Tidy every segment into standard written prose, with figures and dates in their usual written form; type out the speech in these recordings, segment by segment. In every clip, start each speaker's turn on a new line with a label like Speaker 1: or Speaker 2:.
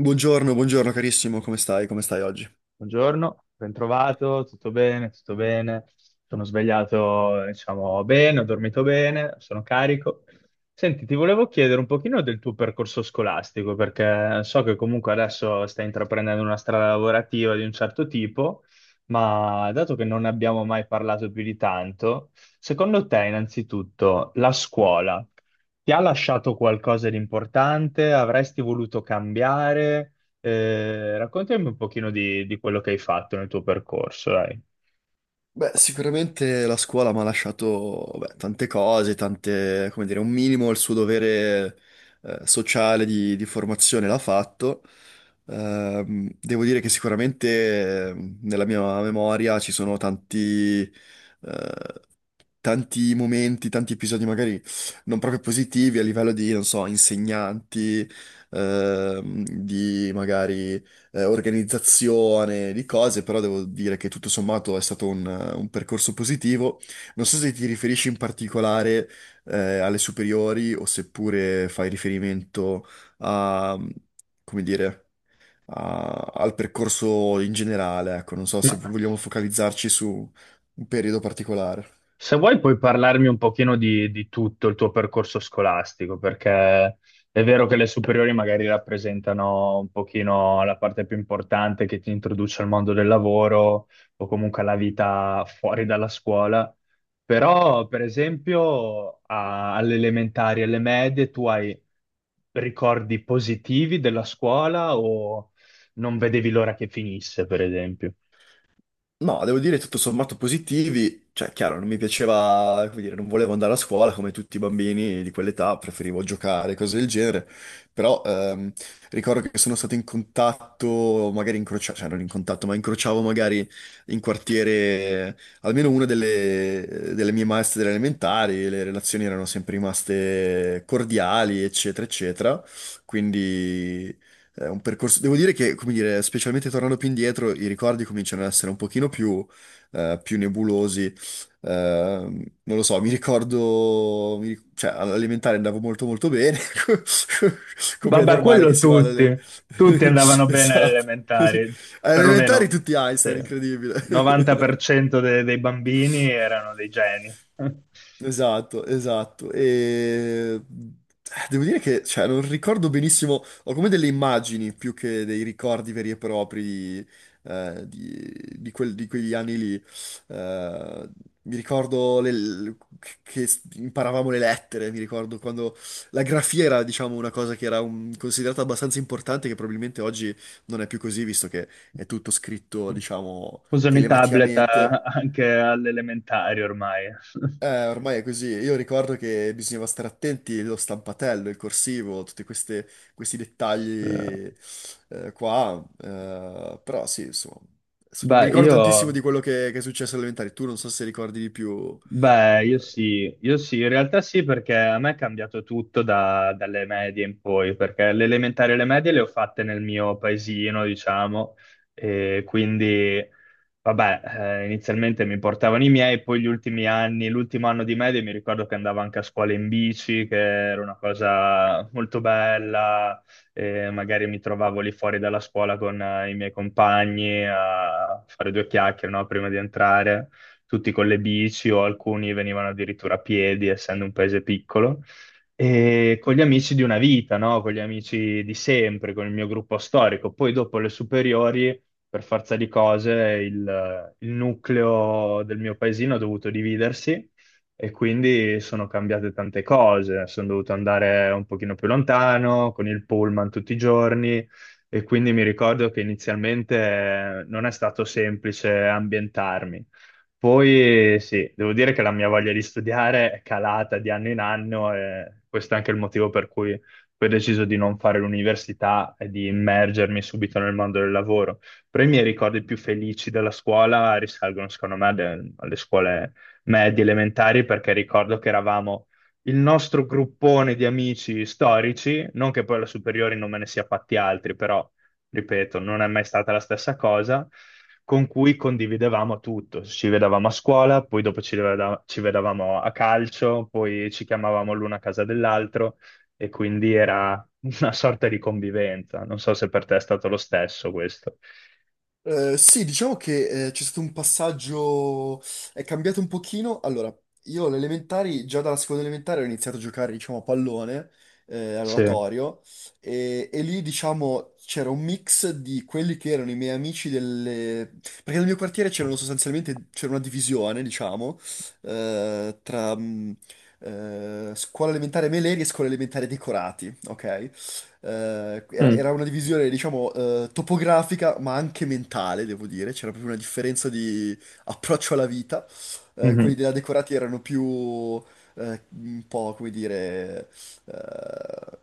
Speaker 1: Buongiorno, buongiorno carissimo, come stai? Come stai oggi?
Speaker 2: Buongiorno, bentrovato, tutto bene, tutto bene. Sono svegliato, diciamo, bene, ho dormito bene, sono carico. Senti, ti volevo chiedere un pochino del tuo percorso scolastico, perché so che comunque adesso stai intraprendendo una strada lavorativa di un certo tipo, ma dato che non abbiamo mai parlato più di tanto, secondo te, innanzitutto, la scuola ti ha lasciato qualcosa di importante? Avresti voluto cambiare? Raccontami un pochino di quello che hai fatto nel tuo percorso, dai.
Speaker 1: Beh, sicuramente la scuola mi ha lasciato beh, tante cose, tante, come dire, un minimo il suo dovere sociale di formazione l'ha fatto. Devo dire che sicuramente nella mia memoria ci sono tanti, eh, tanti momenti, tanti episodi magari non proprio positivi a livello di, non so, insegnanti, di magari organizzazione di cose, però devo dire che tutto sommato è stato un percorso positivo. Non so se ti riferisci in particolare alle superiori o seppure fai riferimento a, come dire, al percorso in generale, ecco, non so se
Speaker 2: Ma
Speaker 1: vogliamo focalizzarci su un periodo particolare.
Speaker 2: Se vuoi puoi parlarmi un pochino di tutto il tuo percorso scolastico, perché è vero che le superiori magari rappresentano un pochino la parte più importante che ti introduce al mondo del lavoro o comunque alla vita fuori dalla scuola, però per esempio alle elementari e alle medie tu hai ricordi positivi della scuola o non vedevi l'ora che finisse, per esempio?
Speaker 1: No, devo dire tutto sommato positivi, cioè chiaro, non mi piaceva, come dire, non volevo andare a scuola come tutti i bambini di quell'età, preferivo giocare, cose del genere, però ricordo che sono stato in contatto, magari incrociavo, cioè non in contatto, ma incrociavo magari in quartiere eh, almeno una delle mie maestre delle elementari, le relazioni erano sempre rimaste cordiali, eccetera, eccetera, quindi è un percorso, devo dire che, come dire, specialmente tornando più indietro, i ricordi cominciano ad essere un pochino più, più nebulosi. Eh, non lo so, mi ricordo, cioè, all'elementare andavo molto molto bene, come è
Speaker 2: Vabbè,
Speaker 1: normale che
Speaker 2: quello
Speaker 1: si vada alle...
Speaker 2: tutti, tutti andavano bene alle
Speaker 1: Esatto.
Speaker 2: elementari,
Speaker 1: Alle elementari
Speaker 2: perlomeno
Speaker 1: tutti
Speaker 2: sì,
Speaker 1: Einstein,
Speaker 2: il
Speaker 1: incredibile.
Speaker 2: 90% dei bambini erano dei geni.
Speaker 1: Esatto, esatto. E devo dire che, cioè, non ricordo benissimo, ho come delle immagini più che dei ricordi veri e propri di, di quegli anni lì. Eh, mi ricordo che imparavamo le lettere, mi ricordo quando la grafia era, diciamo, una cosa che era considerata abbastanza importante, che probabilmente oggi non è più così, visto che è tutto scritto, diciamo,
Speaker 2: Usano i tablet
Speaker 1: telematicamente.
Speaker 2: anche alle elementari ormai.
Speaker 1: Ormai è così. Io ricordo che bisognava stare attenti allo stampatello, il corsivo, questi
Speaker 2: Sì.
Speaker 1: dettagli qua. Però sì, insomma, adesso non mi
Speaker 2: Beh,
Speaker 1: ricordo tantissimo
Speaker 2: io
Speaker 1: di quello che è successo alle elementari. Tu non so se ricordi di più.
Speaker 2: Beh,
Speaker 1: eh,
Speaker 2: io sì, in realtà sì, perché a me è cambiato tutto dalle medie in poi, perché le elementari e le medie le ho fatte nel mio paesino, diciamo, e quindi, vabbè, inizialmente mi portavano i miei, poi gli ultimi anni, l'ultimo anno di medie mi ricordo che andavo anche a scuola in bici, che era una cosa molto bella, e magari mi trovavo lì fuori dalla scuola con i miei compagni a fare due chiacchiere, no, prima di entrare tutti con le bici o alcuni venivano addirittura a piedi, essendo un paese piccolo, e con gli amici di una vita, no? Con gli amici di sempre, con il mio gruppo storico. Poi dopo le superiori, per forza di cose, il nucleo del mio paesino ha dovuto dividersi. E quindi sono cambiate tante cose, sono dovuto andare un pochino più lontano con il pullman tutti i giorni e quindi mi ricordo che inizialmente non è stato semplice ambientarmi. Poi sì, devo dire che la mia voglia di studiare è calata di anno in anno e questo è anche il motivo per cui poi ho deciso di non fare l'università e di immergermi subito nel mondo del lavoro. Però i miei ricordi più felici della scuola risalgono, secondo me, alle scuole medie elementari, perché ricordo che eravamo il nostro gruppone di amici storici, non che poi alla superiore non me ne sia fatti altri, però ripeto, non è mai stata la stessa cosa, con cui condividevamo tutto. Ci vedevamo a scuola, poi dopo ci vedevamo a calcio, poi ci chiamavamo l'uno a casa dell'altro e quindi era una sorta di convivenza. Non so se per te è stato lo stesso questo.
Speaker 1: sì, diciamo che c'è stato un passaggio, è cambiato un pochino. Allora, io alle elementari, già dalla seconda elementare ho iniziato a giocare, diciamo, a pallone,
Speaker 2: Sì.
Speaker 1: all'oratorio, e lì, diciamo, c'era un mix di quelli che erano i miei amici delle... Perché nel mio quartiere c'erano sostanzialmente, c'era una divisione, diciamo, tra scuola elementare Meleri e scuola elementare Decorati, ok? eh, era
Speaker 2: Mm,
Speaker 1: era una divisione, diciamo, topografica, ma anche mentale, devo dire. C'era proprio una differenza di approccio alla vita. Quelli
Speaker 2: mhm,
Speaker 1: della Decorati erano più, un po', come dire, eh,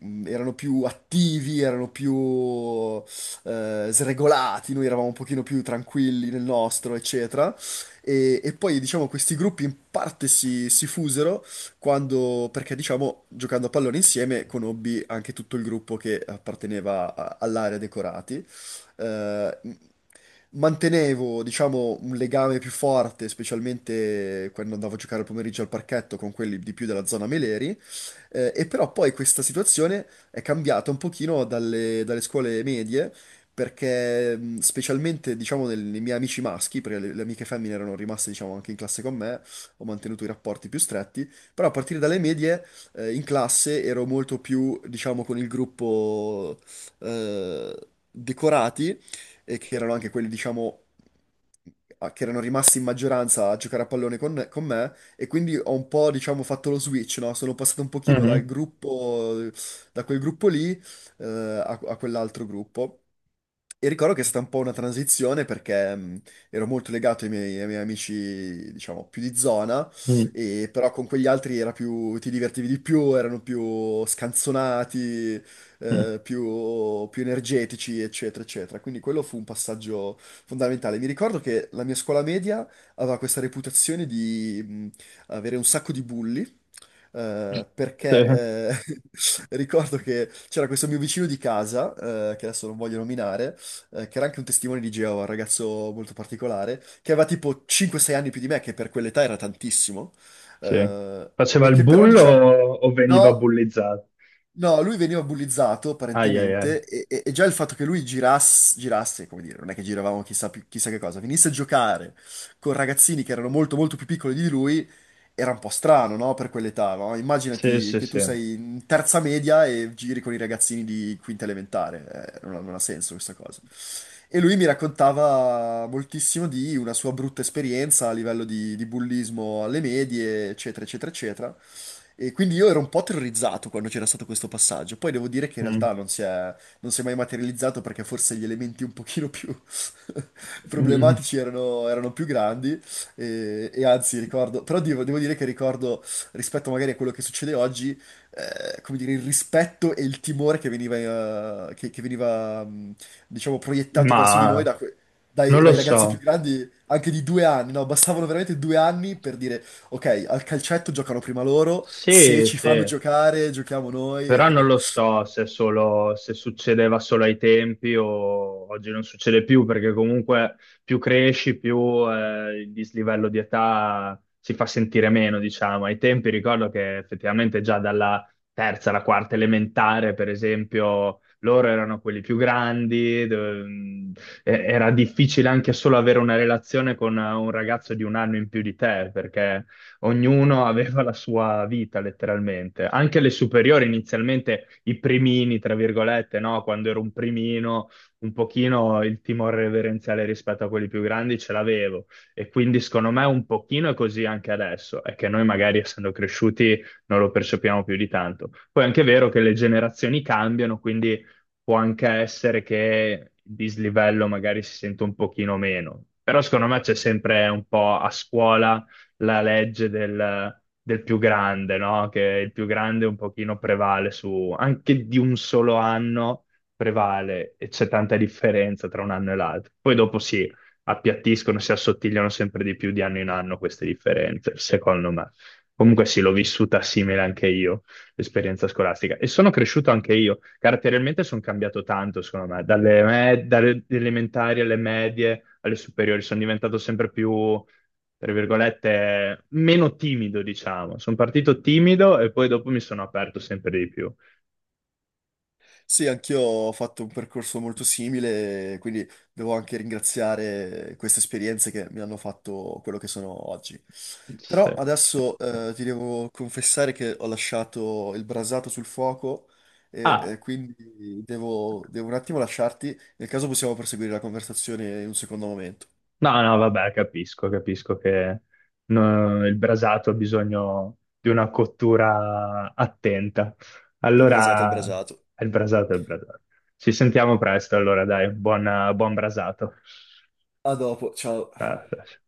Speaker 1: erano più attivi, erano più sregolati, noi eravamo un pochino più tranquilli nel nostro, eccetera. E poi, diciamo, questi gruppi in parte si fusero quando, perché diciamo, giocando a pallone insieme conobbi anche tutto il gruppo che apparteneva all'area decorati. Eh, mantenevo, diciamo, un legame più forte, specialmente quando andavo a giocare il pomeriggio al parchetto con quelli di più della zona Meleri, e però poi questa situazione è cambiata un pochino dalle scuole medie, perché specialmente, diciamo, nei miei amici maschi, perché le amiche femmine erano rimaste, diciamo, anche in classe con me, ho mantenuto i rapporti più stretti, però a partire dalle medie, in classe ero molto più, diciamo, con il gruppo eh, decorati, e che erano anche quelli, diciamo, che erano rimasti in maggioranza a giocare a pallone con me e quindi ho un po', diciamo, fatto lo switch, no? Sono passato un pochino dal
Speaker 2: mhm,
Speaker 1: gruppo, da quel gruppo lì, a quell'altro gruppo. E ricordo che è stata un po' una transizione perché ero molto legato ai miei amici, diciamo, più di zona
Speaker 2: mm,
Speaker 1: e però con quegli altri era più, ti divertivi di più, erano più scanzonati,
Speaker 2: mm.
Speaker 1: più energetici, eccetera, eccetera. Quindi quello fu un passaggio fondamentale. Mi ricordo che la mia scuola media aveva questa reputazione di avere un sacco di bulli. eh,
Speaker 2: Sì,
Speaker 1: perché eh, ricordo che c'era questo mio vicino di casa, che adesso non voglio nominare, che era anche un testimone di Geova, un ragazzo molto particolare, che aveva tipo 5-6 anni più di me, che per quell'età era tantissimo
Speaker 2: sì.
Speaker 1: eh,
Speaker 2: Faceva
Speaker 1: e
Speaker 2: il
Speaker 1: che però
Speaker 2: bullo
Speaker 1: diciamo,
Speaker 2: o, veniva
Speaker 1: no.
Speaker 2: bullizzato?
Speaker 1: No, lui veniva bullizzato
Speaker 2: Ai ai ai.
Speaker 1: apparentemente e già il fatto che lui girasse, come dire, non è che giravamo chissà, chissà che cosa, venisse a giocare con ragazzini che erano molto molto più piccoli di lui, era un po' strano, no? Per quell'età, no?
Speaker 2: Sì,
Speaker 1: Immaginati
Speaker 2: sì,
Speaker 1: che tu
Speaker 2: sì.
Speaker 1: sei in terza media e giri con i ragazzini di quinta elementare, non ha senso questa cosa. E lui mi raccontava moltissimo di una sua brutta esperienza a livello di bullismo alle medie, eccetera, eccetera, eccetera. E quindi io ero un po' terrorizzato quando c'era stato questo passaggio. Poi devo dire che in
Speaker 2: Mm.
Speaker 1: realtà non si è mai materializzato perché forse gli elementi un pochino più problematici erano più grandi. E anzi, ricordo, però devo dire che ricordo rispetto magari a quello che succede oggi, come dire, il rispetto e il timore che veniva, che veniva, diciamo, proiettato verso di noi
Speaker 2: Ma
Speaker 1: da
Speaker 2: non lo
Speaker 1: dai ragazzi
Speaker 2: so.
Speaker 1: più grandi, anche di 2 anni, no? Bastavano veramente 2 anni per dire. Ok, al calcetto giocano prima loro, se
Speaker 2: Sì,
Speaker 1: ci fanno
Speaker 2: sì,
Speaker 1: giocare, giochiamo noi.
Speaker 2: però non lo so se succedeva solo ai tempi o oggi non succede più, perché comunque più cresci, più il dislivello di età si fa sentire meno, diciamo. Ai tempi ricordo che effettivamente già dalla terza alla quarta elementare, per esempio, loro erano quelli più grandi, era difficile anche solo avere una relazione con un ragazzo di un anno in più di te, perché ognuno aveva la sua vita letteralmente. Anche le superiori inizialmente, i primini, tra virgolette, no? Quando ero un primino, un pochino il timore reverenziale rispetto a quelli più grandi ce l'avevo. E quindi secondo me un pochino è così anche adesso, è che noi magari essendo cresciuti non lo percepiamo più di tanto. Poi è anche vero che le generazioni cambiano, quindi può anche essere che il dislivello magari si sente un pochino meno. Però secondo me c'è sempre un po' a scuola la legge del più grande, no? Che il più grande un pochino prevale su, anche di un solo anno prevale e c'è tanta differenza tra un anno e l'altro. Poi dopo si appiattiscono, si assottigliano sempre di più di anno in anno queste differenze, secondo me. Comunque sì, l'ho vissuta simile anche io, l'esperienza scolastica. E sono cresciuto anche io. Caratterialmente sono cambiato tanto, secondo me, dalle elementari alle medie, alle superiori. Sono diventato sempre più tra virgolette, meno timido, diciamo. Sono partito timido e poi dopo mi sono aperto sempre di più.
Speaker 1: Sì, anch'io ho fatto un percorso molto simile, quindi devo anche ringraziare queste esperienze che mi hanno fatto quello che sono oggi.
Speaker 2: Sì,
Speaker 1: Però
Speaker 2: sì. Sì.
Speaker 1: adesso ti devo confessare che ho lasciato il brasato sul fuoco
Speaker 2: Ah,
Speaker 1: e quindi devo un attimo lasciarti, nel caso possiamo proseguire la conversazione in un secondo momento.
Speaker 2: no, no, vabbè, capisco, capisco che no, il brasato ha bisogno di una cottura attenta.
Speaker 1: Il brasato è il
Speaker 2: Allora,
Speaker 1: brasato.
Speaker 2: è il brasato, è il brasato. Ci sentiamo presto, allora, dai, buon, buon brasato.
Speaker 1: A dopo, ciao.
Speaker 2: Ah, ah, sì.